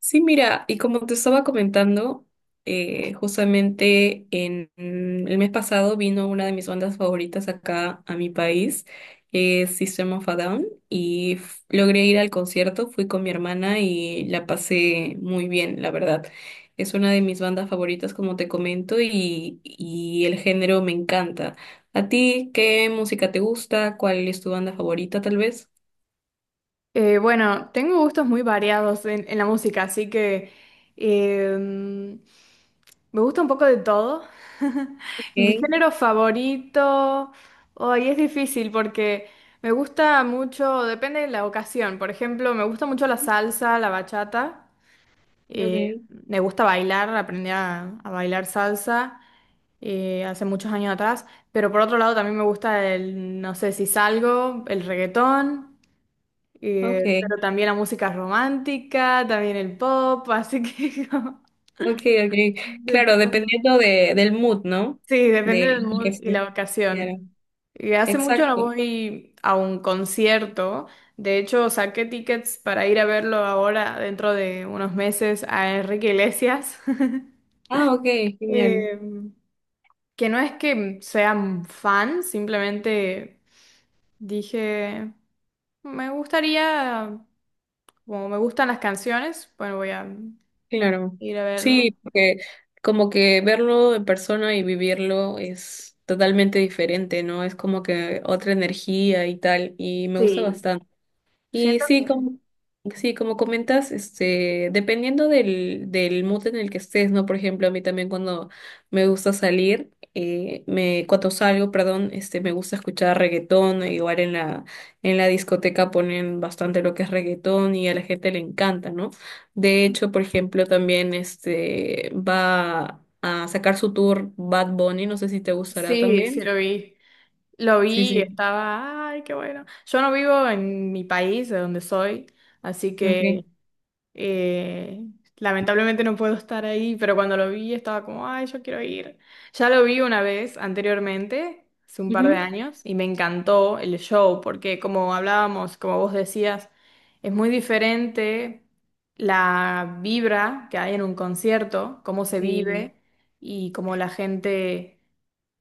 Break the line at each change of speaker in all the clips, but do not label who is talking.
Sí, mira, y como te estaba comentando, justamente el mes pasado vino una de mis bandas favoritas acá a mi país, que es System of a Down, logré ir al concierto, fui con mi hermana y la pasé muy bien, la verdad. Es una de mis bandas favoritas, como te comento, y el género me encanta. ¿A ti qué música te gusta? ¿Cuál es tu banda favorita, tal vez?
Bueno, tengo gustos muy variados en la música, así que me gusta un poco de todo. Mi
Okay,
género favorito, hoy es difícil porque me gusta mucho, depende de la ocasión. Por ejemplo, me gusta mucho la salsa, la bachata.
okay,
Me gusta bailar, aprendí a bailar salsa hace muchos años atrás. Pero por otro lado también me gusta el, no sé si salgo, el reggaetón. Pero
ok.
también la música romántica, también el pop, así que como
Ok, ok.
de
Claro,
todo.
dependiendo del mood, ¿no?
Sí,
De
depende del
en el que
mood y la
esté. Claro.
ocasión. Y hace mucho no
Exacto.
voy a un concierto. De hecho, saqué tickets para ir a verlo ahora, dentro de unos meses, a Enrique Iglesias.
Ah, ok, genial.
Eh, que no es que sea un fan, simplemente dije, me gustaría, como me gustan las canciones, bueno, voy a
Claro.
ir a verlo.
Sí, porque como que verlo en persona y vivirlo es totalmente diferente, ¿no? Es como que otra energía y tal, y me gusta
Sí,
bastante. Y
siento que
sí, como comentas, este, dependiendo del mood en el que estés, ¿no? Por ejemplo, a mí también cuando me gusta salir, cuando salgo, perdón, este, me gusta escuchar reggaetón, e igual en la discoteca ponen bastante lo que es reggaetón y a la gente le encanta, ¿no? De hecho, por ejemplo, también este, va a sacar su tour Bad Bunny, no sé si te gustará
sí, sí
también.
lo vi. Lo
Sí,
vi y
sí,
estaba, ay, qué bueno. Yo no vivo en mi país, de donde soy, así
ok.
que Eh, lamentablemente no puedo estar ahí, pero cuando lo vi estaba como, ay, yo quiero ir. Ya lo vi una vez anteriormente, hace un par de
Ujú.
años, y me encantó el show, porque como hablábamos, como vos decías, es muy diferente la vibra que hay en un concierto, cómo se
Sí,
vive y cómo la gente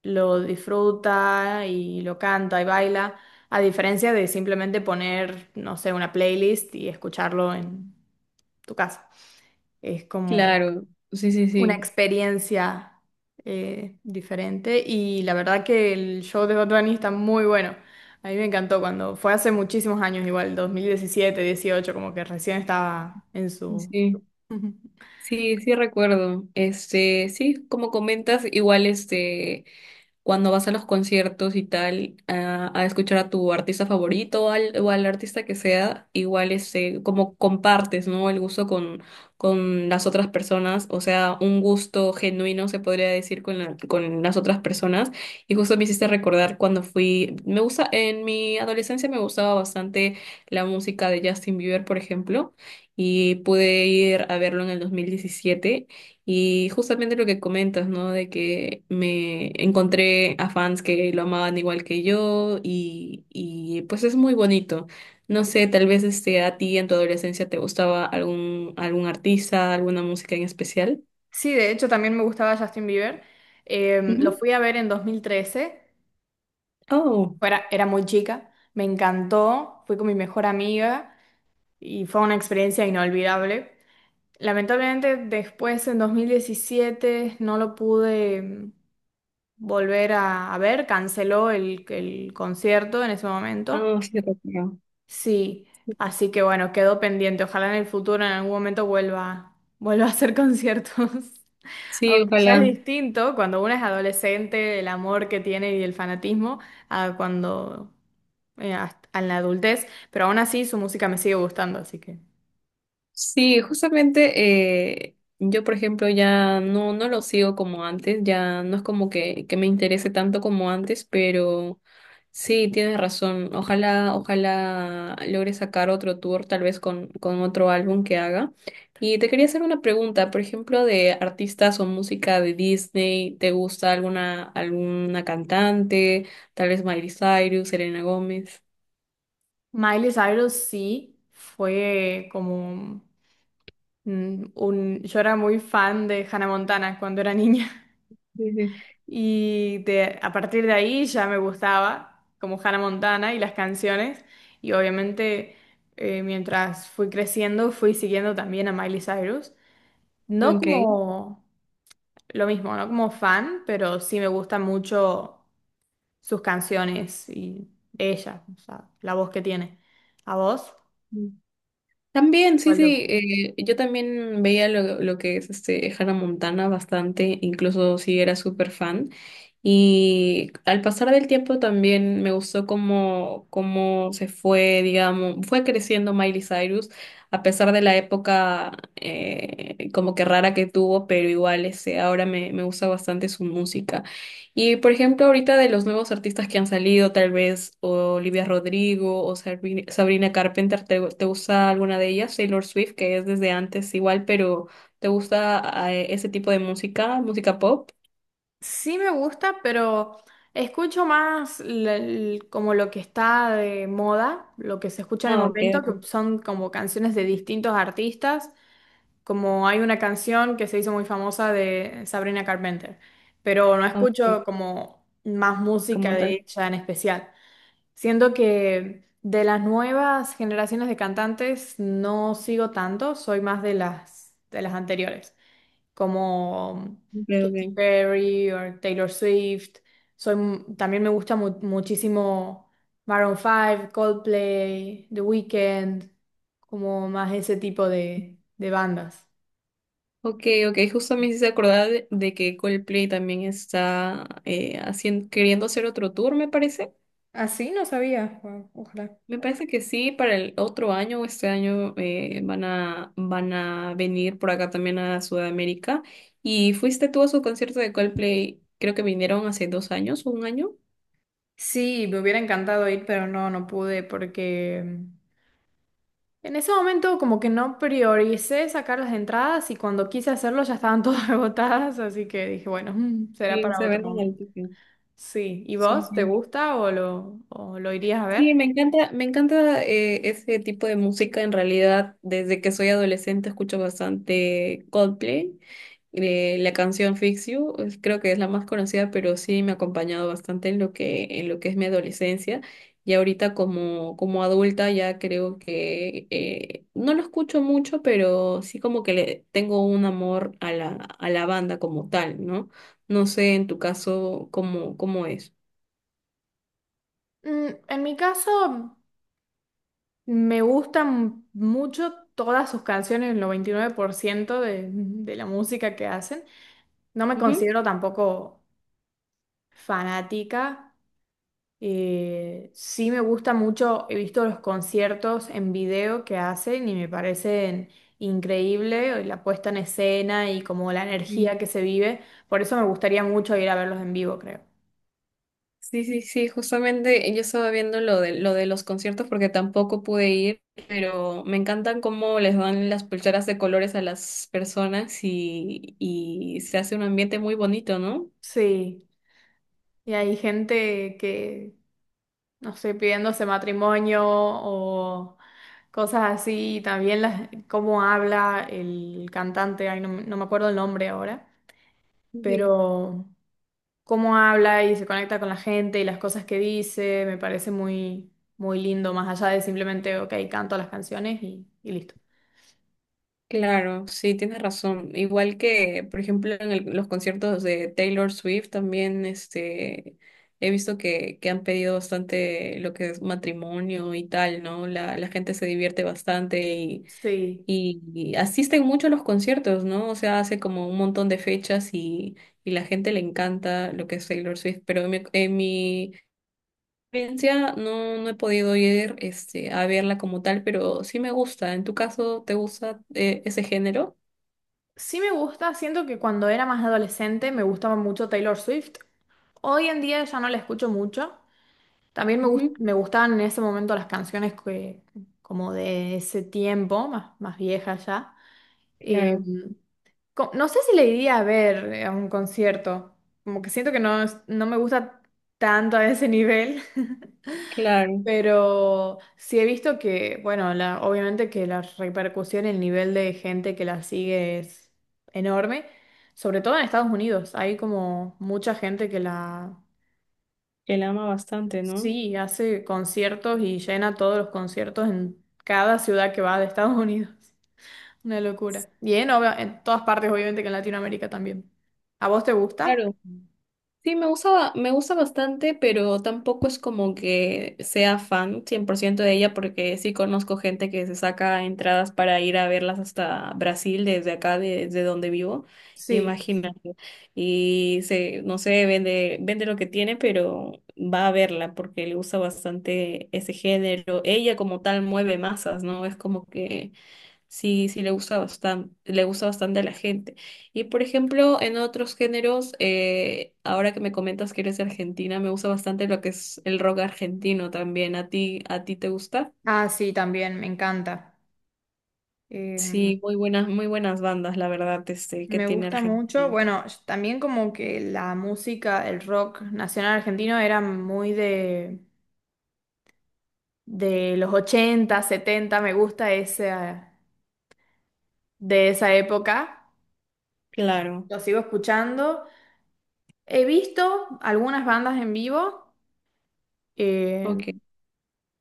lo disfruta y lo canta y baila. A diferencia de simplemente poner, no sé, una playlist y escucharlo en tu casa. Es como
claro. Sí, sí,
una
sí.
experiencia diferente y la verdad que el show de Bad Bunny está muy bueno. A mí me encantó cuando fue hace muchísimos años, igual 2017 18 como que recién estaba en
Sí,
su...
sí,
Ujú.
sí sí recuerdo. Este, sí, como comentas, igual este cuando vas a los conciertos y tal, a escuchar a tu artista favorito o o al artista que sea, igual este, como compartes, ¿no? El gusto con las otras personas, o sea, un gusto genuino se podría decir con con las otras personas. Y justo me hiciste recordar cuando fui, me gusta, en mi adolescencia me gustaba bastante la música de Justin Bieber, por ejemplo, y pude ir a verlo en el 2017. Y justamente lo que comentas, ¿no? De que me encontré a fans que lo amaban igual que yo y pues es muy bonito. No sé, tal vez este, a ti en tu adolescencia te gustaba algún artista, alguna música en especial.
Sí, de hecho también me gustaba Justin Bieber. Lo
Ujú.
fui a ver en 2013.
Oh,
Era muy chica, me encantó, fui con mi mejor amiga y fue una experiencia inolvidable. Lamentablemente después en 2017 no lo pude volver a ver, canceló el concierto en ese momento.
ah, sí, recuerdo.
Sí, así que bueno, quedó pendiente. Ojalá en el futuro, en algún momento, vuelva, vuelva a hacer conciertos.
Sí,
Aunque ya es
ojalá.
distinto cuando uno es adolescente, el amor que tiene y el fanatismo, a cuando en la adultez, pero aún así su música me sigue gustando, así que.
Sí, justamente yo, por ejemplo, no lo sigo como antes, ya no es como que me interese tanto como antes, pero sí, tienes razón. Ojalá, ojalá logre sacar otro tour, tal vez con otro álbum que haga. Y te quería hacer una pregunta, por ejemplo, de artistas o música de Disney, ¿te gusta alguna cantante? Tal vez Miley Cyrus, Selena Gómez.
Miley Cyrus sí fue como un... Yo era muy fan de Hannah Montana cuando era niña.
Sí, sí.
A partir de ahí ya me gustaba, como Hannah Montana y las canciones. Y obviamente, mientras fui creciendo, fui siguiendo también a Miley Cyrus. No como lo mismo, no como fan, pero sí me gustan mucho sus canciones y ella, o sea, la voz que tiene. ¿A vos?
Ok. También, sí,
¿Cuál te
sí,
gusta?
yo también veía lo que es este Hannah Montana bastante, incluso sí era súper fan. Y al pasar del tiempo también me gustó cómo se fue, digamos, fue creciendo Miley Cyrus, a pesar de la época como que rara que tuvo, pero igual ese, ahora me gusta bastante su música. Y por ejemplo, ahorita de los nuevos artistas que han salido, tal vez Olivia Rodrigo o Sabrina Carpenter, ¿ te gusta alguna de ellas? Taylor Swift, que es desde antes igual, pero ¿te gusta ese tipo de música? ¿Música pop?
Sí me gusta, pero escucho más como lo que está de moda, lo que se escucha en el
No, ok,
momento,
ok.
que son como canciones de distintos artistas, como hay una canción que se hizo muy famosa de Sabrina Carpenter, pero no
Ah, ok,
escucho como más música
como
de
tal.
ella en especial. Siento que de las nuevas generaciones de cantantes no sigo tanto, soy más de las anteriores como
Ok,
Katy
ok.
Perry o Taylor Swift. También me gusta muchísimo Maroon 5, Coldplay, The Weeknd, como más ese tipo de bandas.
Ok, ok, justo me hice acordar de que Coldplay también está queriendo hacer otro tour, me parece.
Así no sabía. Guau, ojalá.
Me parece que sí, para el otro año o este año van van a venir por acá también a Sudamérica. ¿Y fuiste tú a su concierto de Coldplay? Creo que vinieron hace dos años o un año.
Sí, me hubiera encantado ir, pero no, no pude porque en ese momento como que no prioricé sacar las entradas y cuando quise hacerlo ya estaban todas agotadas, así que dije, bueno, será
Sí
para
se
otro
venden el
momento.
ticket.
Sí. ¿Y
Sí,
vos? ¿Te
sí.
gusta o o lo irías a
Sí,
ver?
me encanta ese tipo de música. En realidad, desde que soy adolescente escucho bastante Coldplay. La canción Fix You, creo que es la más conocida, pero sí me ha acompañado bastante en lo en lo que es mi adolescencia. Y ahorita como, como adulta ya creo que no lo escucho mucho, pero sí como que le tengo un amor a a la banda como tal, ¿no? No sé en tu caso cómo, cómo es.
En mi caso, me gustan mucho todas sus canciones, el 99% de la música que hacen. No me
Ujú.
considero tampoco fanática. Sí me gusta mucho, he visto los conciertos en video que hacen y me parecen increíble la puesta en escena y como la energía que se vive. Por eso me gustaría mucho ir a verlos en vivo, creo.
Sí, sí, sí, justamente yo estaba viendo lo de los conciertos porque tampoco pude ir, pero me encantan cómo les dan las pulseras de colores a las personas y se hace un ambiente muy bonito, ¿no?
Sí. Y hay gente que, no sé, pidiéndose matrimonio o cosas así. Y también las, cómo habla el cantante, ay, no, me no me acuerdo el nombre ahora,
Sí,
pero cómo habla y se conecta con la gente y las cosas que dice, me parece muy, muy lindo, más allá de simplemente, ok, canto las canciones y listo.
claro, sí, tienes razón. Igual que, por ejemplo, en los conciertos de Taylor Swift también, este, he visto que han pedido bastante lo que es matrimonio y tal, ¿no? La gente se divierte bastante.
Sí,
Y asisten mucho a los conciertos, ¿no? O sea, hace como un montón de fechas y la gente le encanta lo que es Taylor Swift, pero en en mi experiencia no he podido ir este, a verla como tal, pero sí me gusta. ¿En tu caso te gusta ese género?
sí me gusta, siento que cuando era más adolescente me gustaba mucho Taylor Swift. Hoy en día ya no la escucho mucho. También
Ujú.
me gustaban en ese momento las canciones que, como de ese tiempo, más, más viejas ya. Eh,
Claro,
no sé si le iría a ver a un concierto, como que siento que no, no me gusta tanto a ese nivel,
claro,
pero sí he visto que, bueno, obviamente que la repercusión, el nivel de gente que la sigue es enorme, sobre todo en Estados Unidos, hay como mucha gente que la...
que la ama bastante, ¿no?
Sí, hace conciertos y llena todos los conciertos en cada ciudad que va de Estados Unidos. Una locura. Y en todas partes, obviamente, que en Latinoamérica también. ¿A vos te gusta?
Claro, sí, me gusta bastante, pero tampoco es como que sea fan 100% de ella, porque sí conozco gente que se saca entradas para ir a verlas hasta Brasil, desde acá, desde donde vivo,
Sí.
imagínate. Y se, no sé, vende, vende lo que tiene, pero va a verla porque le gusta bastante ese género. Ella como tal mueve masas, ¿no? Es como que sí, sí, le gusta bastante a la gente. Y por ejemplo, en otros géneros, ahora que me comentas que eres de Argentina, me gusta bastante lo que es el rock argentino también. A ti te gusta?
Ah, sí, también, me encanta. Eh,
Sí, muy buenas bandas, la verdad, este, que
Me
tiene
gusta mucho.
Argentina.
Bueno, también como que la música, el rock nacional argentino era muy de los 80, 70. Me gusta ese, de esa época.
Claro,
Lo sigo escuchando. He visto algunas bandas en vivo, eh,
ok.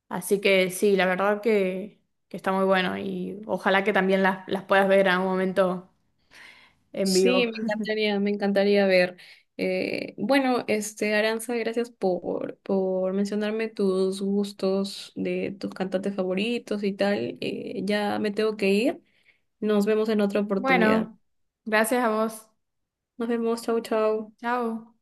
así que sí, la verdad que está muy bueno y ojalá que también las puedas ver a un momento en
Sí,
vivo.
me encantaría ver. Bueno, este, Aranza, gracias por mencionarme tus gustos de tus cantantes favoritos y tal. Ya me tengo que ir. Nos vemos en otra oportunidad.
Bueno, gracias a vos.
Nos vemos, chau, chau.
Chao.